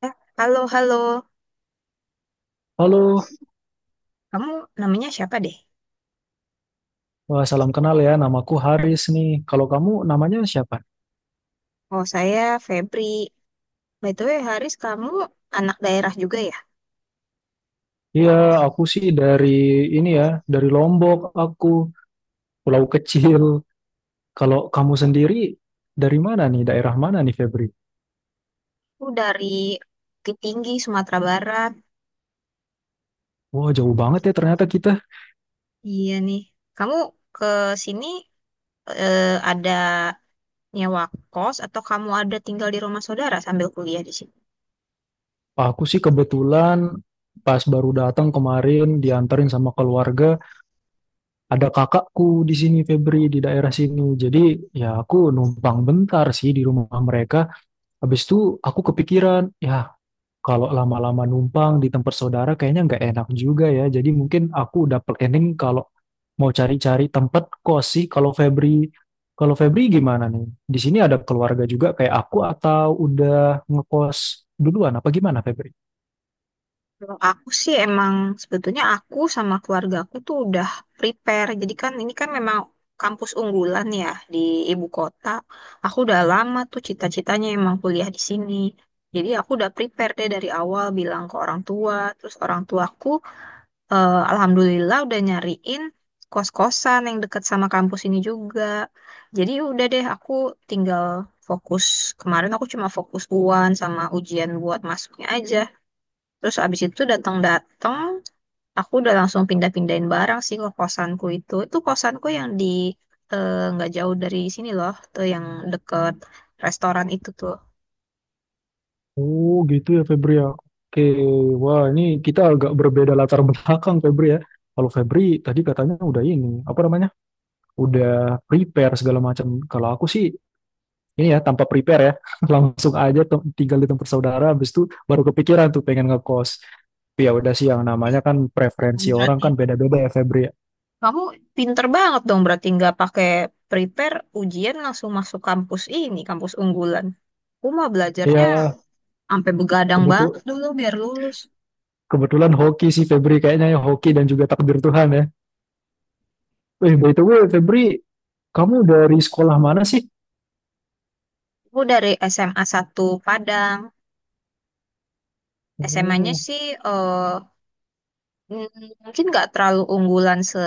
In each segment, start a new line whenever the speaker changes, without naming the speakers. Eh, Halo, halo.
Halo.
Kamu namanya siapa deh?
Wah, salam kenal ya. Namaku Haris nih. Kalau kamu namanya siapa?
Oh, saya Febri. By the way, Haris, kamu anak daerah juga ya?
Iya, aku sih dari ini ya, dari Lombok aku, pulau kecil. Kalau kamu sendiri dari mana nih? Daerah mana nih, Febri?
Aku dari Bukit Tinggi, Sumatera Barat.
Wah, jauh banget ya ternyata kita.
Iya nih. Kamu ke sini eh, ada nyewa kos atau kamu ada tinggal di rumah saudara sambil kuliah di sini?
Aku sih kebetulan pas baru datang kemarin dianterin sama keluarga, ada kakakku di sini, Febri, di daerah sini. Jadi, ya aku numpang bentar sih di rumah mereka. Habis itu aku kepikiran, ya, kalau lama-lama numpang di tempat saudara kayaknya nggak enak juga ya. Jadi mungkin aku udah planning kalau mau cari-cari tempat kos sih. Kalau Febri, gimana nih? Di sini ada keluarga juga kayak aku atau udah ngekos duluan apa gimana, Febri?
Kalau aku sih emang sebetulnya aku sama keluarga aku tuh udah prepare. Jadi kan ini kan memang kampus unggulan ya di ibu kota. Aku udah lama tuh cita-citanya emang kuliah di sini. Jadi aku udah prepare deh dari awal bilang ke orang tua. Terus orang tuaku alhamdulillah udah nyariin kos-kosan yang deket sama kampus ini juga. Jadi udah deh aku tinggal fokus. Kemarin aku cuma fokus UAN sama ujian buat masuknya aja. Terus abis itu datang-datang, aku udah langsung pindah-pindahin barang sih ke kosanku itu. Itu kosanku yang di nggak jauh dari sini loh, tuh yang deket restoran itu tuh.
Oh gitu ya, Febri, ya. Oke, wah, ini kita agak berbeda latar belakang, Febri, ya. Kalau Febri tadi katanya udah ini, apa namanya? Udah prepare segala macam. Kalau aku sih ini ya tanpa prepare ya langsung aja tinggal di tempat saudara, habis itu baru kepikiran tuh pengen ngekos, tapi ya udah sih yang namanya kan preferensi
Hmm,
orang
berarti
kan beda-beda ya, Febri, ya.
kamu pinter banget dong, berarti nggak pakai prepare ujian langsung masuk kampus ini, kampus unggulan. Aku mah belajarnya
Ya,
sampai begadang banget
kebetu-
dulu biar lulus.
kebetulan hoki sih Febri kayaknya, ya hoki dan juga takdir Tuhan ya. By the way, Febri, kamu dari sekolah mana sih?
Aku dari SMA satu Padang. SMA-nya
oh
sih eh, mungkin nggak terlalu unggulan se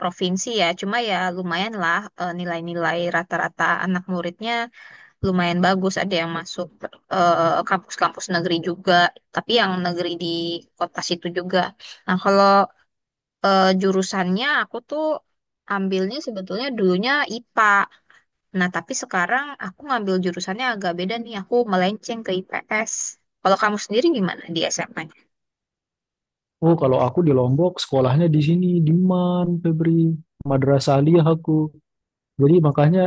provinsi ya. Cuma ya lumayan lah nilai-nilai rata-rata anak muridnya lumayan bagus. Ada yang masuk kampus-kampus negeri juga, tapi yang negeri di kota situ juga. Nah, kalau jurusannya aku tuh ambilnya sebetulnya dulunya IPA. Nah, tapi sekarang aku ngambil jurusannya agak beda nih. Aku melenceng ke IPS. Kalau kamu sendiri gimana di SMA?
oh kalau aku di Lombok sekolahnya di sini, di MAN, Febri. Madrasah Aliyah aku, jadi makanya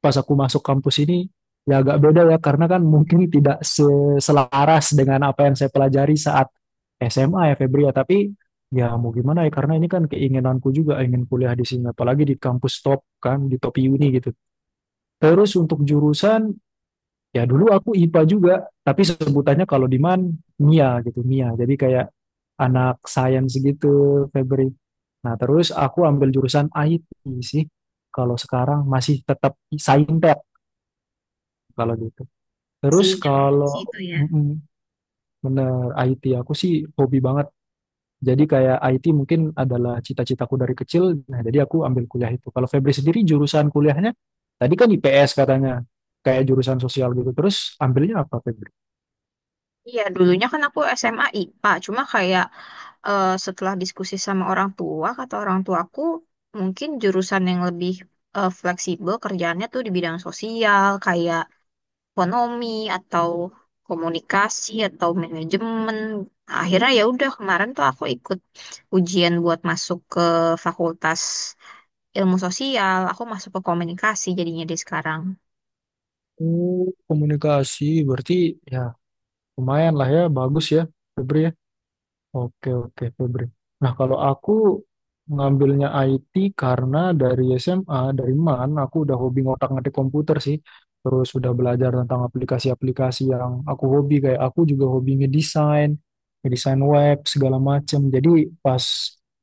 pas aku masuk kampus ini ya agak beda ya karena kan mungkin tidak selaras dengan apa yang saya pelajari saat SMA ya, Febri, ya. Tapi ya mau gimana ya, karena ini kan keinginanku juga ingin kuliah di sini, apalagi di kampus top kan, di top uni gitu. Terus untuk jurusan, ya dulu aku IPA juga, tapi sebutannya kalau di MAN MIA gitu, MIA, jadi kayak anak sains gitu Febri. Nah terus aku ambil jurusan IT sih kalau sekarang, masih tetap saintek kalau gitu.
Si
Terus
yang
kalau
si itu ya.
mm-mm, bener IT aku sih hobi banget. Jadi kayak IT mungkin adalah cita-citaku dari kecil. Nah, jadi aku ambil kuliah itu. Kalau Febri sendiri jurusan kuliahnya tadi kan IPS katanya. Kayak jurusan sosial gitu. Terus ambilnya apa, Febri?
Iya, dulunya kan aku SMA IPA, cuma kayak setelah diskusi sama orang tua, kata orang tuaku, mungkin jurusan yang lebih fleksibel kerjaannya tuh di bidang sosial, kayak ekonomi atau komunikasi atau manajemen. Nah, akhirnya ya udah kemarin tuh aku ikut ujian buat masuk ke Fakultas Ilmu Sosial, aku masuk ke komunikasi jadinya di sekarang.
Oh, komunikasi. Berarti ya lumayan lah ya, bagus ya Febri ya. Oke, oke, Febri. Nah, kalau aku ngambilnya IT karena dari SMA, dari MAN, aku udah hobi ngotak-ngatik komputer sih. Terus udah belajar tentang aplikasi-aplikasi yang aku hobi. Kayak aku juga hobi ngedesain, ngedesain web, segala macem. Jadi pas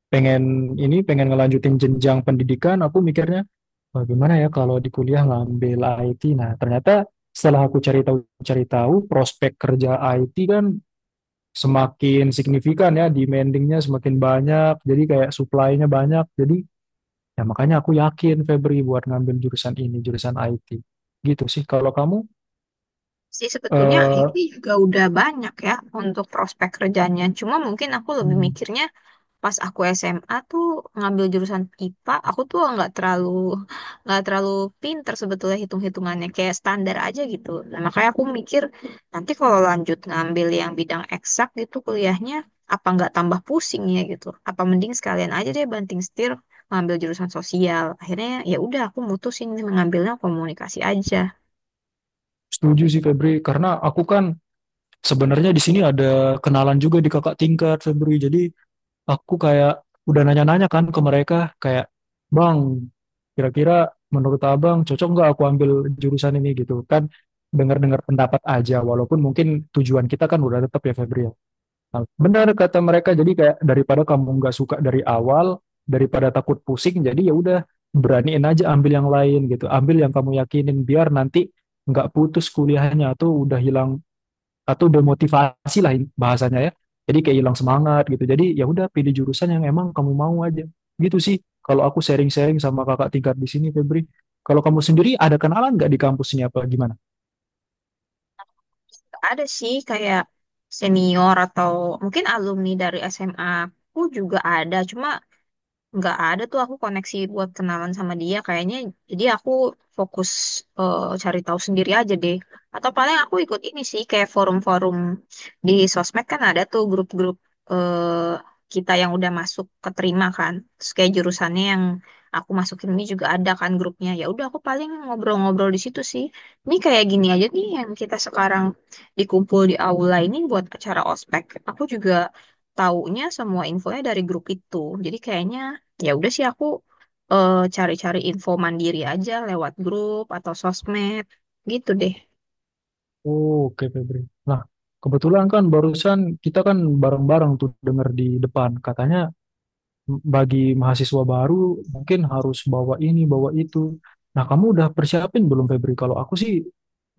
pengen ini, pengen ngelanjutin jenjang pendidikan, aku mikirnya, "Wah, gimana ya kalau di kuliah ngambil IT?" Nah, ternyata setelah aku cari tahu-cari tahu, prospek kerja IT kan semakin signifikan ya, demandingnya semakin banyak, jadi kayak supply-nya banyak. Jadi ya makanya aku yakin Febri buat ngambil jurusan ini, jurusan IT. Gitu sih. Kalau kamu
Sih sebetulnya
eh,
ini juga udah banyak ya untuk prospek kerjanya. Cuma mungkin aku lebih mikirnya pas aku SMA tuh ngambil jurusan IPA, aku tuh nggak terlalu pinter sebetulnya hitung-hitungannya kayak standar aja gitu. Nah, makanya aku mikir nanti kalau lanjut ngambil yang bidang eksak gitu kuliahnya apa nggak tambah pusing ya gitu. Apa mending sekalian aja deh banting setir ngambil jurusan sosial. Akhirnya ya udah aku mutusin mengambilnya komunikasi aja.
setuju sih Febri, karena aku kan sebenarnya di sini ada kenalan juga di kakak tingkat Febri. Jadi aku kayak udah nanya-nanya kan ke mereka kayak, "Bang, kira-kira menurut abang cocok nggak aku ambil jurusan ini gitu kan?" Dengar-dengar pendapat aja walaupun mungkin tujuan kita kan udah tetap ya Febri ya. Nah, benar kata mereka, jadi kayak daripada kamu nggak suka dari awal, daripada takut pusing, jadi ya udah beraniin aja ambil yang lain gitu, ambil yang kamu yakinin biar nanti nggak putus kuliahnya atau udah hilang atau demotivasi lah ini bahasanya ya. Jadi kayak hilang semangat gitu. Jadi ya udah pilih jurusan yang emang kamu mau aja. Gitu sih. Kalau aku sharing-sharing sama kakak tingkat di sini, Febri. Kalau kamu sendiri ada kenalan nggak di kampus ini apa gimana?
Ada sih kayak senior atau mungkin alumni dari SMA aku juga ada, cuma nggak ada tuh aku koneksi buat kenalan sama dia kayaknya jadi aku fokus cari tahu sendiri aja deh atau paling aku ikut ini sih kayak forum-forum di sosmed kan ada tuh grup-grup eh, kita yang udah masuk keterima kan terus kayak jurusannya yang aku masukin ini juga ada kan grupnya ya udah aku paling ngobrol-ngobrol di situ sih ini kayak gini aja nih yang kita sekarang dikumpul di aula ini buat acara ospek aku juga taunya semua infonya dari grup itu. Jadi kayaknya ya udah sih aku cari-cari info mandiri aja lewat grup atau sosmed gitu deh.
Oh, oke, Febri. Nah, kebetulan kan barusan kita kan bareng-bareng tuh denger di depan. Katanya bagi mahasiswa baru mungkin harus bawa ini, bawa itu. Nah, kamu udah persiapin belum Febri? Kalau aku sih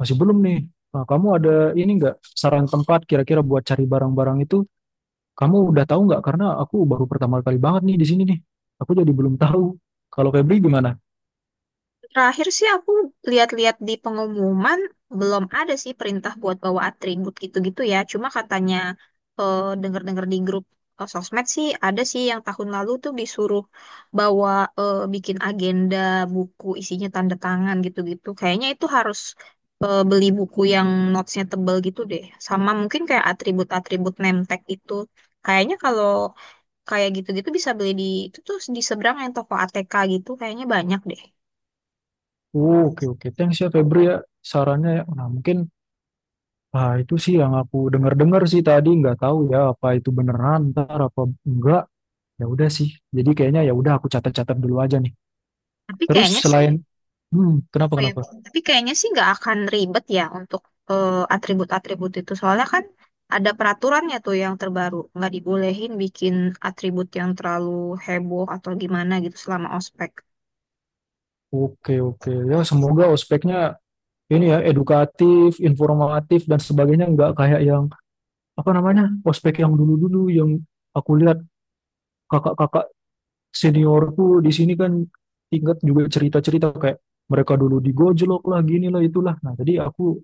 masih belum nih. Nah, kamu ada ini nggak saran tempat kira-kira buat cari barang-barang itu? Kamu udah tahu nggak? Karena aku baru pertama kali banget nih di sini nih. Aku jadi belum tahu. Kalau Febri gimana?
Terakhir sih aku lihat-lihat di pengumuman belum ada sih perintah buat bawa atribut gitu-gitu ya. Cuma katanya dengar-dengar di grup sosmed sih ada sih yang tahun lalu tuh disuruh bawa bikin agenda buku isinya tanda tangan gitu-gitu. Kayaknya itu harus beli buku yang notesnya tebel gitu deh. Sama mungkin kayak atribut-atribut name tag itu. Kayaknya kalau kayak gitu-gitu bisa beli di itu tuh di seberang yang toko ATK gitu. Kayaknya banyak deh.
Oh, oke, oke. Thanks ya Febri ya sarannya, ya. Nah, mungkin itu sih yang aku dengar-dengar sih tadi. Nggak tahu ya apa itu beneran ntar apa enggak. Ya udah sih. Jadi kayaknya ya udah aku catat-catat dulu aja nih.
Tapi
Terus
kayaknya sih,
selain Kenapa,
oh ya,
kenapa?
tapi kayaknya sih nggak akan ribet ya untuk atribut-atribut itu. Soalnya kan ada peraturannya tuh yang terbaru, nggak dibolehin bikin atribut yang terlalu heboh atau gimana gitu selama ospek.
Oke, oke, ya semoga ospeknya ini ya edukatif, informatif dan sebagainya, nggak kayak yang apa namanya ospek yang dulu-dulu yang aku lihat kakak-kakak seniorku di sini kan, ingat juga cerita-cerita kayak mereka dulu digojlok lah gini lah itulah. Nah jadi aku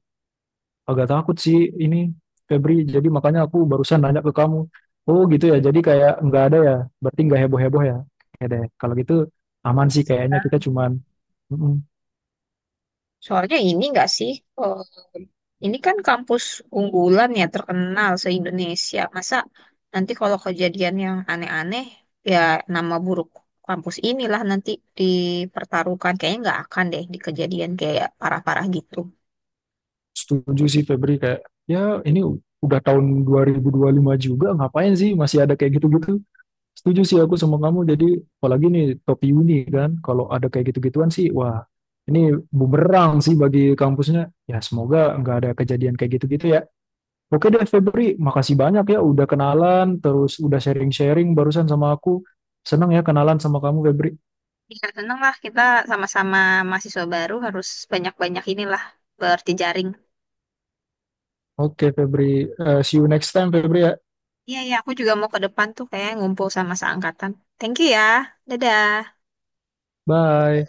agak takut sih ini Febri. Jadi makanya aku barusan nanya ke kamu. Oh gitu ya. Jadi kayak nggak ada ya. Berarti nggak heboh-heboh ya. Oke deh. Kalau gitu aman sih kayaknya kita cuman mm,
Soalnya ini nggak sih, eh, ini kan kampus unggulan ya terkenal se-Indonesia. Masa nanti kalau kejadian yang aneh-aneh, ya nama buruk kampus inilah nanti dipertaruhkan. Kayaknya nggak akan deh di kejadian kayak parah-parah gitu.
setuju sih Febri, kayak ya ini udah tahun 2025 juga ngapain sih masih ada kayak gitu-gitu. Setuju sih aku sama kamu. Jadi apalagi nih topi uni kan. Kalau ada kayak gitu-gituan sih wah ini bumerang sih bagi kampusnya. Ya semoga nggak ada kejadian kayak gitu-gitu ya. Oke deh Febri, makasih banyak ya udah kenalan, terus udah sharing-sharing barusan sama aku. Senang ya kenalan sama kamu Febri.
Ya, seneng lah kita sama-sama mahasiswa baru harus banyak-banyak inilah berjejaring.
Oke Febri. See you next time Febri ya.
Iya, ya, aku juga mau ke depan tuh kayak ngumpul sama seangkatan. Thank you ya. Dadah.
Bye.